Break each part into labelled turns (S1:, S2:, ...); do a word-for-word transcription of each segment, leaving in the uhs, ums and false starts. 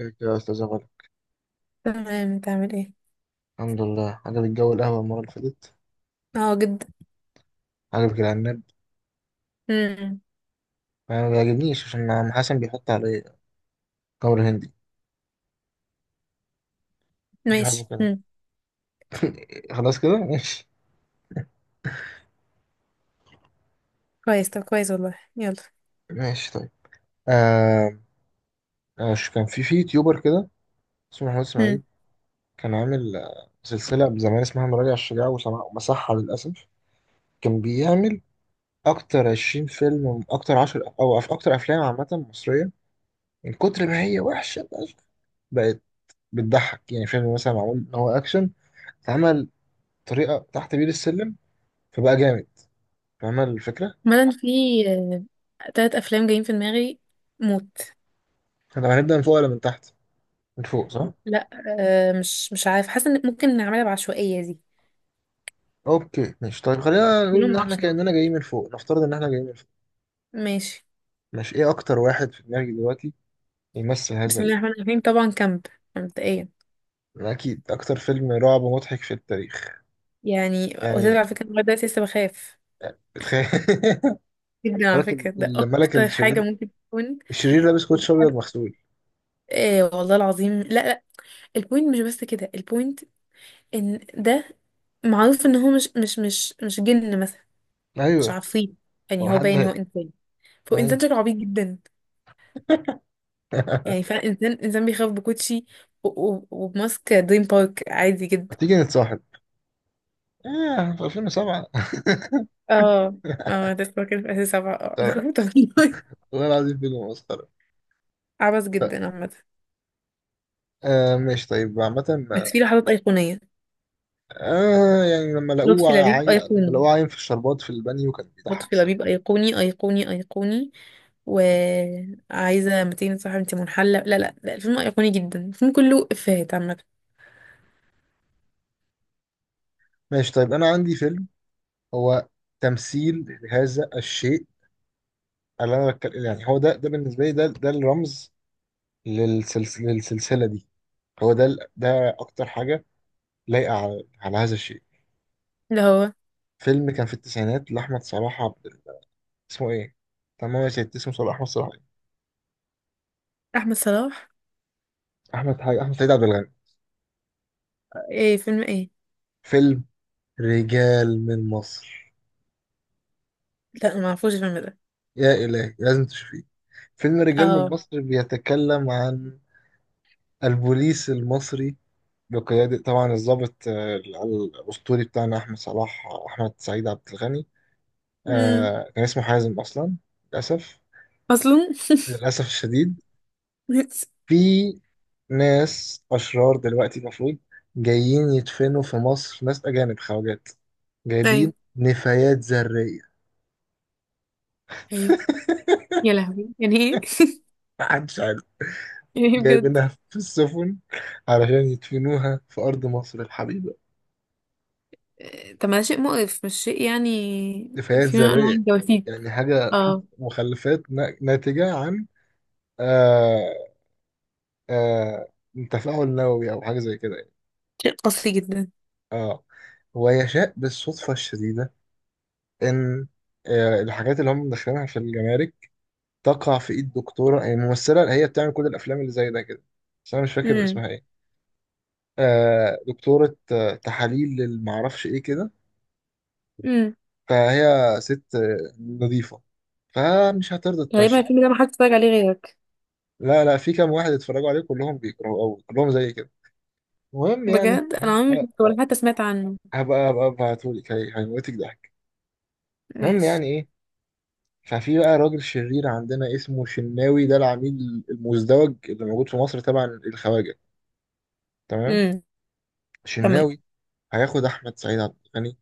S1: ازيك يا استاذ غالي.
S2: تمام، تعمل ايه؟
S1: الحمد لله. عجبك جو القهوه المره اللي فاتت؟
S2: اه، جدا.
S1: عجبك العناب؟
S2: امم.
S1: انا ما بيعجبنيش عشان عم حسن بيحط عليه تمر هندي. مش بحبه
S2: ماشي،
S1: كده.
S2: امم.
S1: خلاص كده ماشي.
S2: كويس، طب كويس والله، يلا.
S1: ماشي طيب. آه. آه، ش- كان في في يوتيوبر كده، اسمه محمود
S2: امم.
S1: اسماعيل. كان عامل آه، سلسله زمان اسمها مراجع الشجاع وسماع، ومسحها للاسف. كان بيعمل اكتر 20 فيلم، اكتر عشرة، او أف- اكتر افلام عامه مصريه، من كتر ما هي وحشه. بقت بقت بتضحك. يعني فيلم مثلا معمول ان هو اكشن، اتعمل طريقه تحت بير السلم، فبقى جامد. فاهمه الفكره؟
S2: مثلا في آه، تلات افلام جايين في دماغي، موت.
S1: احنا هنبدا من فوق ولا من تحت؟ من فوق، صح.
S2: لا. آه مش مش عارف، حاسه ان ممكن نعملها بعشوائيه دي.
S1: اوكي ماشي طيب، خلينا نقول ان
S2: كلهم
S1: احنا
S2: عشرة.
S1: كاننا جايين من فوق. نفترض ان احنا جايين من فوق.
S2: ماشي.
S1: ماشي، ايه اكتر واحد في دماغي دلوقتي يمثل هذا
S2: بسم الله
S1: ال...
S2: الرحمن الرحيم، طبعا كامب، مبدئيا.
S1: يعني اكيد اكتر فيلم رعب مضحك في التاريخ.
S2: يعني وتدري
S1: يعني
S2: على فكره، أنا لغاية دلوقتي لسه بخاف
S1: بتخيل.
S2: جدا على
S1: ملك ال-
S2: فكره، ده
S1: الملك
S2: اكتر حاجه
S1: الشرير،
S2: ممكن تكون.
S1: الشرير لابس كوتش ابيض مغسول.
S2: ايه والله العظيم، لا، لا. البوينت مش بس كده، البوينت ان ده معروف ان هو مش مش مش مش جن مثلا. مش
S1: ايوه.
S2: عفريت،
S1: هو
S2: يعني هو
S1: حد
S2: باين ان هو
S1: هي-
S2: انسان، فهو
S1: ايوه.
S2: انسان شكله عبيط جدا. يعني فعلا انسان انسان بيخاف بكوتشي و- و- وبماسك دريم بارك عادي
S1: ما
S2: جدا.
S1: تيجي نتصاحب؟ ايه، في ألفين وسبعة مسخرة.
S2: اه، اه، ده فاكر في اساس سبعة، اه انا خفت والله.
S1: والله العظيم فيلم مسخرة.
S2: عبث جدا عامة.
S1: آه ماشي طيب، عامة.
S2: بس في لحظات ايقونية.
S1: آه، يعني لما
S2: لطفي
S1: لقوه
S2: لبيب
S1: عاي... لما
S2: ايقوني،
S1: لقوه عايم في الشربات في البانيو كان بيضحك
S2: لطفي
S1: الصراحة.
S2: لبيب ايقوني ايقوني ايقوني. وعايزة ميتين صاحب، انت منحلة. لا، لا، لا، الفيلم ايقوني جدا، الفيلم كله افيهات عامة.
S1: ماشي طيب، أنا عندي فيلم، هو تمثيل لهذا الشيء اللي أنا بتكلم. يعني هو ده ده بالنسبة لي، ده ده الرمز للسلس... للسلسلة دي. هو ده ال- ده أكتر حاجة لايقة على... على هذا الشيء.
S2: اللي هو
S1: فيلم كان في التسعينات لأحمد صلاح عبد ال- اسمه إيه؟ تمام يا سيدي، اسمه صلاح، أحمد صلاح إيه؟
S2: احمد صلاح،
S1: أحمد حاجة، أحمد سيد عبد الغني.
S2: ايه فيلم ايه.
S1: فيلم رجال من مصر.
S2: لا، ما اعرفوش الفيلم ده.
S1: يا إلهي، لازم تشوفيه. فيلم رجال من
S2: اه.
S1: مصر بيتكلم عن البوليس المصري، بقيادة طبعا الضابط آه، ال- الأسطوري بتاعنا أحمد صلاح أحمد سعيد عبد الغني.
S2: امم.
S1: آه، كان اسمه حازم أصلا. للأسف.
S2: اصلا.
S1: للأسف الشديد، في ناس أشرار دلوقتي المفروض جايين يدفنوا في مصر، ناس أجانب خواجات
S2: ايوه،
S1: جايبين نفايات ذرية.
S2: ايوه. يا لهوي، يعني ايه،
S1: محدش عارف،
S2: يعني ايه بجد.
S1: جايبينها في السفن علشان يدفنوها في أرض مصر الحبيبة.
S2: آه، طب ما ده شيء مقرف، مش شيء يعني.
S1: نفايات
S2: في نوع من انواع
S1: ذرية،
S2: الجواسيس.
S1: يعني حاجة
S2: اه.
S1: مخلفات نا- ناتجة عن آه آه تفاعل نووي أو حاجة زي كده يعني.
S2: شيء قاسي جدا.
S1: اه، ويشاء بالصدفة الشديدة إن آه الحاجات اللي هم مدخلينها في الجمارك تقع في إيد دكتورة، هي ممثلة اللي هي بتعمل كل الأفلام اللي زي ده كده، بس أنا مش فاكر
S2: امم،
S1: اسمها إيه. آه دكتورة آه تحاليل للمعرفش إيه كده.
S2: امم.
S1: فهي ست آه، نظيفة، فمش هترضى
S2: غالبا
S1: تمشي.
S2: الفيلم ده ما حدش اتفرج عليه غيرك.
S1: لا لا، في كام واحد اتفرجوا عليه، كلهم بيكرهوا قوي كلهم زي كده. المهم يعني
S2: بجد انا
S1: المهم-
S2: عمري ما
S1: آه،
S2: شفته
S1: آه،
S2: ولا حتى سمعت عنه.
S1: هبقى هبقى ابعتهولك هي- هيموتك ضحك. المهم
S2: ماشي.
S1: يعني ايه، ففي بقى راجل شرير عندنا اسمه شناوي، ده العميل المزدوج اللي موجود في مصر تبع الخواجة. تمام.
S2: امم. تمام.
S1: شناوي هياخد احمد سعيد عبد الغني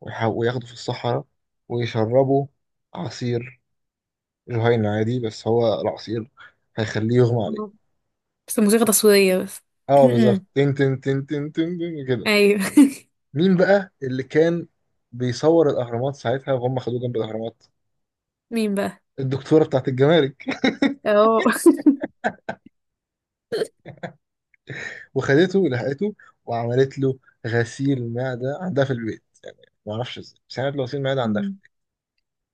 S1: ويح- وياخده في الصحراء، ويشربه عصير جهينة عادي، بس هو العصير هيخليه يغمى
S2: آه.
S1: عليه.
S2: بس الموسيقى تصويرية بس.
S1: اه بالظبط،
S2: امم.
S1: تن تن تن تن تن تن كده.
S2: ايوه.
S1: مين بقى اللي كان بيصور الاهرامات ساعتها وهم خدوه جنب الاهرامات؟
S2: مين بقى؟
S1: الدكتوره بتاعت الجمارك.
S2: اه.
S1: وخدته ولحقته، وعملت له غسيل معده عندها في البيت. ما اعرفش ازاي، بس عملت له غسيل معده عندها في
S2: أمم.
S1: البيت.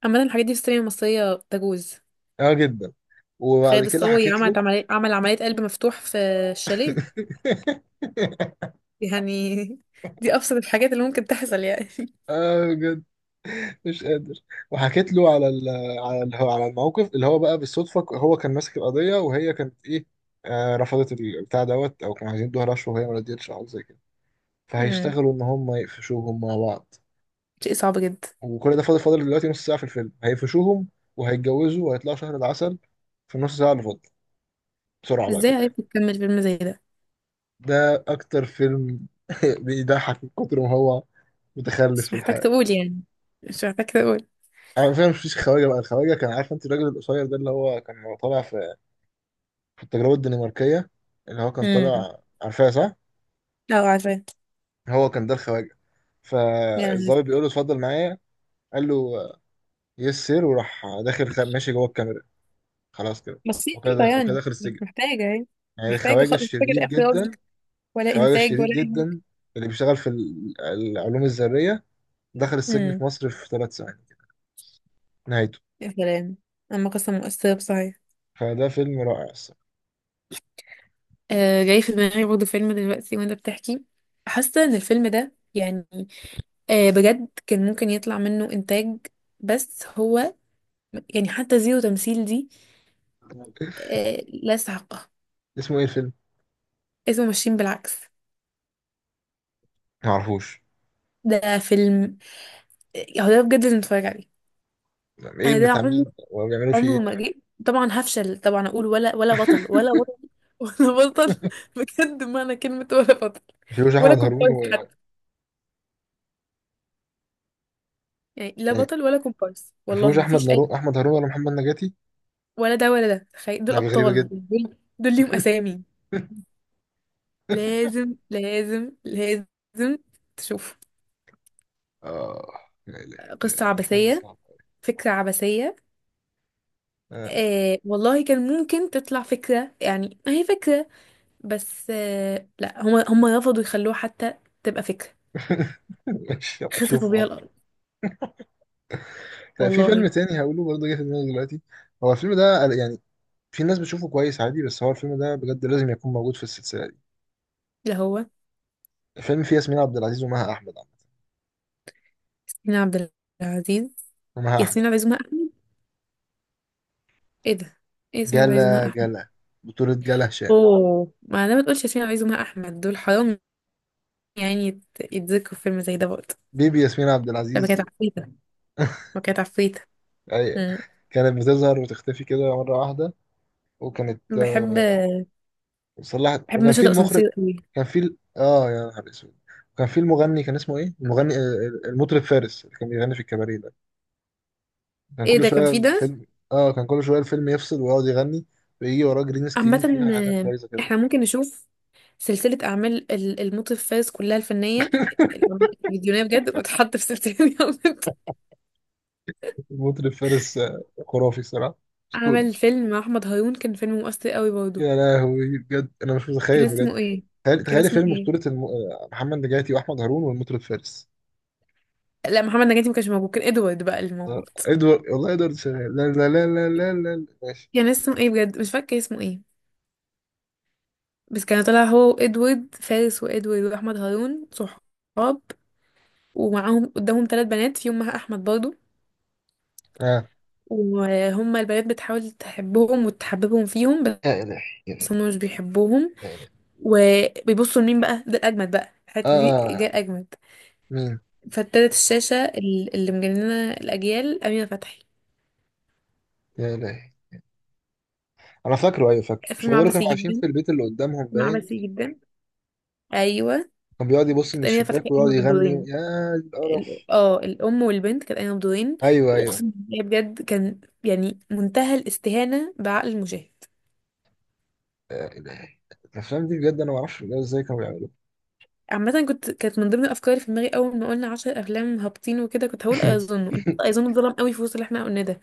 S2: عامة الحاجات دي في السينما المصرية تجوز.
S1: اه جدا. وبعد
S2: خالد
S1: كده
S2: الصاوي
S1: حكيت
S2: عملت
S1: له.
S2: عملية، عمل عملية قلب مفتوح في الشاليه. يعني. دي أبسط الحاجات اللي ممكن تحصل يعني.
S1: اه بجد، مش قادر. وحكيت له على ال على ال على الموقف، اللي هو بقى بالصدفه هو كان ماسك القضيه وهي كانت ايه. آه رفضت البتاع دوت، او كانوا عايزين يدوها رشوه وهي ما رضيتش، او حاجة زي كده.
S2: امم.
S1: فهيشتغلوا ان هم يقفشوهم مع بعض.
S2: شيء صعب جدا.
S1: وكل ده فاضل فاضل دلوقتي نص ساعه في الفيلم، هيقفشوهم وهيتجوزوا وهيطلعوا شهر العسل في النص ساعه اللي فاضله، بسرعه بقى
S2: ازاي
S1: كده يعني.
S2: عرفت تكمل فيلم زي ده؟
S1: ده اكتر فيلم بيضحك من كتر ما هو متخلف
S2: مش
S1: في
S2: محتاج
S1: الحياه.
S2: تقول يعني، مش محتاج تقول.
S1: انا فاهم. مفيش خواجه بقى، الخواجه كان عارف، انت الراجل القصير ده اللي هو كان طالع في في التجربه الدنماركيه، اللي هو كان
S2: امم.
S1: طالع، عارفاه صح؟
S2: اه، عارفة.
S1: هو كان ده الخواجه.
S2: يعني
S1: فالظابط بيقول له اتفضل معايا، قال له يس سير، وراح داخل خ- ماشي جوه الكاميرا. خلاص كده،
S2: بسيطة.
S1: وكده وكده
S2: يعني
S1: داخل
S2: مش
S1: السجن.
S2: محتاجة يعني،
S1: يعني
S2: محتاجة خ...
S1: الخواجة
S2: مش محتاجة
S1: الشرير
S2: لا إخراج
S1: جدا،
S2: ولا
S1: الخواجة
S2: إنتاج
S1: الشرير
S2: ولا أي
S1: جدا
S2: حاجة.
S1: اللي بيشتغل في ال- العلوم الذرية، دخل السجن
S2: امم.
S1: في مصر في ثلاث ثواني. نهايته.
S2: يا سلام. أما قصة مؤثرة بصحيح.
S1: فده فيلم رائع الصراحة.
S2: آه جاي في دماغي برضه فيلم دلوقتي وأنت بتحكي. حاسة إن الفيلم ده يعني آه بجد كان ممكن يطلع منه إنتاج. بس هو يعني حتى زيرو تمثيل دي آه لا يستحقها.
S1: اسمه ايه الفيلم؟
S2: اسمه ماشيين بالعكس.
S1: معرفوش،
S2: ده فيلم آه، هو ده بجد اللي نتفرج عليه.
S1: ايه،
S2: أنا ده
S1: بتاع
S2: عمري
S1: مين وبيعملوا فيه
S2: عمري
S1: ايه؟
S2: ما جه. طبعا هفشل، طبعا أقول ولا ولا بطل ولا بطل. ولا بطل. بجد معنى كلمة ولا بطل
S1: مفيهوش
S2: ولا
S1: احمد هارون
S2: كومبارس
S1: و...
S2: حتى، يعني لا
S1: يعني
S2: بطل ولا كومبارس والله،
S1: مفيهوش احمد
S2: مفيش أي.
S1: نارو احمد هارون ولا محمد نجاتي؟
S2: ولا ده ولا ده، تخيل دول
S1: يعني غريبة
S2: أبطال،
S1: جدا.
S2: دول دول ليهم أسامي. لازم، لازم، لازم تشوف.
S1: اه. يا إلهي، يا إلهي،
S2: قصة
S1: الافلام دي
S2: عبثية،
S1: صعبة.
S2: فكرة عبثية.
S1: آه.
S2: آه والله كان ممكن تطلع فكرة، يعني هي فكرة، بس آه لا، هما هما رفضوا يخلوها حتى تبقى فكرة.
S1: ماشي، أبقى
S2: خسفوا
S1: اشوف.
S2: بيها الأرض
S1: طيب، في فيلم
S2: والله.
S1: تاني هقوله برضه، جه في دماغي دلوقتي. هو الفيلم ده يعني، في ناس بتشوفه كويس عادي، بس هو الفيلم ده بجد لازم يكون موجود في السلسلة دي.
S2: لا، هو.
S1: الفيلم فيه ياسمين عبد العزيز ومها أحمد، عم.
S2: ياسمين عبد العزيز،
S1: ومها
S2: ياسمين
S1: أحمد.
S2: عبد العزيز ومها أحمد. ايه ده. ايه، ياسمين عبد العزيز ومها
S1: جلا
S2: أحمد.
S1: جلا، بطولة جلا هشام.
S2: اوه، ما انا ما تقولش ياسمين عبد العزيز ومها أحمد، دول حرام يعني. يت- يتذكروا في فيلم زي ده برضه
S1: بيبي ياسمين عبد
S2: لما كانت
S1: العزيز.
S2: عفريتة، ما كانت عفريتة.
S1: أي.
S2: مم.
S1: كانت بتظهر وتختفي كده مرة واحدة، وكانت آه،
S2: بحب
S1: صلحت.
S2: بحب
S1: وكان
S2: مشهد
S1: في المخرج،
S2: الأسانسير قوي.
S1: كان في ال... اه يا نهار اسود، كان في المغني، كان اسمه ايه؟ المغني آه، المطرب فارس، اللي كان بيغني في الكباريه ده، كان
S2: ايه
S1: كل
S2: ده كان
S1: شويه
S2: فيه ده؟
S1: الفيلم. اه، كان كل شويه الفيلم يفصل ويقعد يغني، ويجي وراه جرين
S2: عامة
S1: سكرين فيها حاجات بايظه كده.
S2: احنا ممكن نشوف سلسلة أعمال ال- المطرب فارس كلها الفنية، الأعمال الفيديونية بجد، وتحط في سلسلة. جامد.
S1: مطرب فارس، آه، خرافي صراحه، اسطوري.
S2: عمل فيلم مع أحمد هارون، كان فيلم مؤثر قوي برضه.
S1: يا لهوي، بجد انا مش
S2: كان
S1: متخيل بجد.
S2: اسمه ايه؟
S1: تخيل
S2: كان
S1: تخيل
S2: اسمه
S1: فيلم
S2: ايه؟
S1: بطولة الم... آه، محمد نجاتي واحمد هارون والمطرب فارس.
S2: لا، محمد نجاتي ما كانش موجود، كان ادوارد بقى اللي
S1: آه،
S2: موجود.
S1: ادوارد، والله ادوارد شغال، لا لا لا لا لا لا لا. ماشي.
S2: كان اسمه ايه بجد، مش فاكرة اسمه ايه. بس كان طالع هو وادوارد، فارس وادوارد وأحمد هارون صحاب، ومعاهم قدامهم ثلاث بنات فيهم مها أحمد برضه.
S1: اه.
S2: وهما البنات بتحاول تحبهم وتحببهم فيهم، بس
S1: يا الهي، يا الهي،
S2: هم مش بيحبوهم.
S1: يا الهي.
S2: وبيبصوا لمين بقى؟ ده الأجمد، بقى
S1: اه
S2: الحتة دي
S1: آه،
S2: جاية
S1: آه.
S2: الأجمد.
S1: مين؟
S2: فابتدت الشاشة ال- اللي مجننة الأجيال أمينة فتحي.
S1: يا الهي. انا فاكره، ايوه فاكره، مش
S2: فيلم
S1: هو دول
S2: عبثي
S1: كانوا عايشين
S2: جدا،
S1: في البيت اللي قدامهم
S2: فيلم
S1: باين؟
S2: عبثي جدا. أيوه.
S1: كان بيقعد يبص من
S2: كانت أمينة فتحي
S1: الشباك ويقعد
S2: قايمة
S1: يغني،
S2: بالدورين،
S1: يا القرف.
S2: ال- اه الأم والبنت، كانت قايمة بدورين.
S1: ايوه ايوه.
S2: وأقسم بالله بجد، كان يعني منتهى الاستهانة بعقل المشاهد.
S1: لا إله. الافلام دي بجد، انا ما اعرفش بجد ازاي كانوا بيعملوها.
S2: عامة كنت كانت من ضمن الأفكار في دماغي أول ما قلنا عشر أفلام هابطين وكده، كنت هقول أيظنه أيظنه اتظلم قوي في وسط اللي احنا قلناه ده.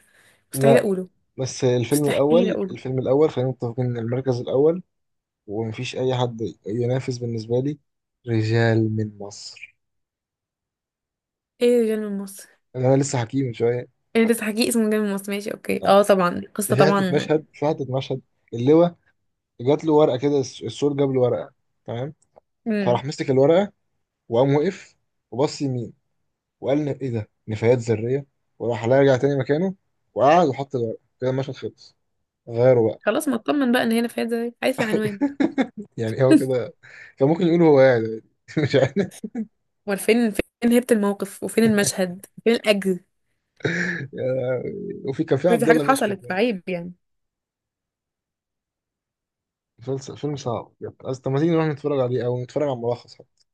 S2: مستحيل
S1: لا،
S2: أقوله.
S1: بس الفيلم
S2: مستحيل
S1: الاول
S2: أقوله.
S1: الفيلم الاول خلينا متفقين ان المركز الاول ومفيش اي حد ينافس بالنسبه لي، رجال من مصر،
S2: ايه، رجال من مصر.
S1: اللي انا لسه حكيه من شويه.
S2: انت تحكي اسمه رجال من مصر، ماشي اوكي،
S1: آه.
S2: اه طبعا،
S1: ده
S2: قصة
S1: في حته
S2: طبعا.
S1: مشهد، في حته مشهد، اللواء جات له ورقه كده، الس- السور جاب له ورقه. تمام، فراح
S2: امم.
S1: مسك الورقه، وقام وقف، وبص يمين، وقال له ايه ده، نفايات ذريه، وراح رجع تاني مكانه، وقعد وحط الورقه كده. المشهد خلص، غيره.
S2: خلاص، ما اطمن بقى ان هنا فيها زي عارف العنوان.
S1: يعني هو كده، كان ممكن يقول هو قاعد يعني.
S2: امال فين فين هيبة الموقف، وفين المشهد، فين الاجر.
S1: مش عارف. وفي كان في
S2: كل دي
S1: عبد
S2: حاجات
S1: الله مشرف
S2: حصلت،
S1: برضه.
S2: فعيب يعني.
S1: فيلم فيلم صعب يعني. أصل طب ما تيجي نروح نتفرج عليه او نتفرج على ملخص حتى.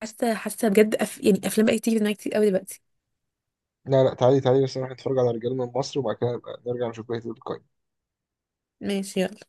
S2: حاسه حاسه بجد أف... يعني افلام بقت تيجي في دماغي كتير قوي دلوقتي.
S1: لا لا، تعالي تعالي، بس نروح نتفرج على رجال من مصر، وبعد كده نبقى نرجع نشوف بقية القايمة.
S2: ماشي، يلا.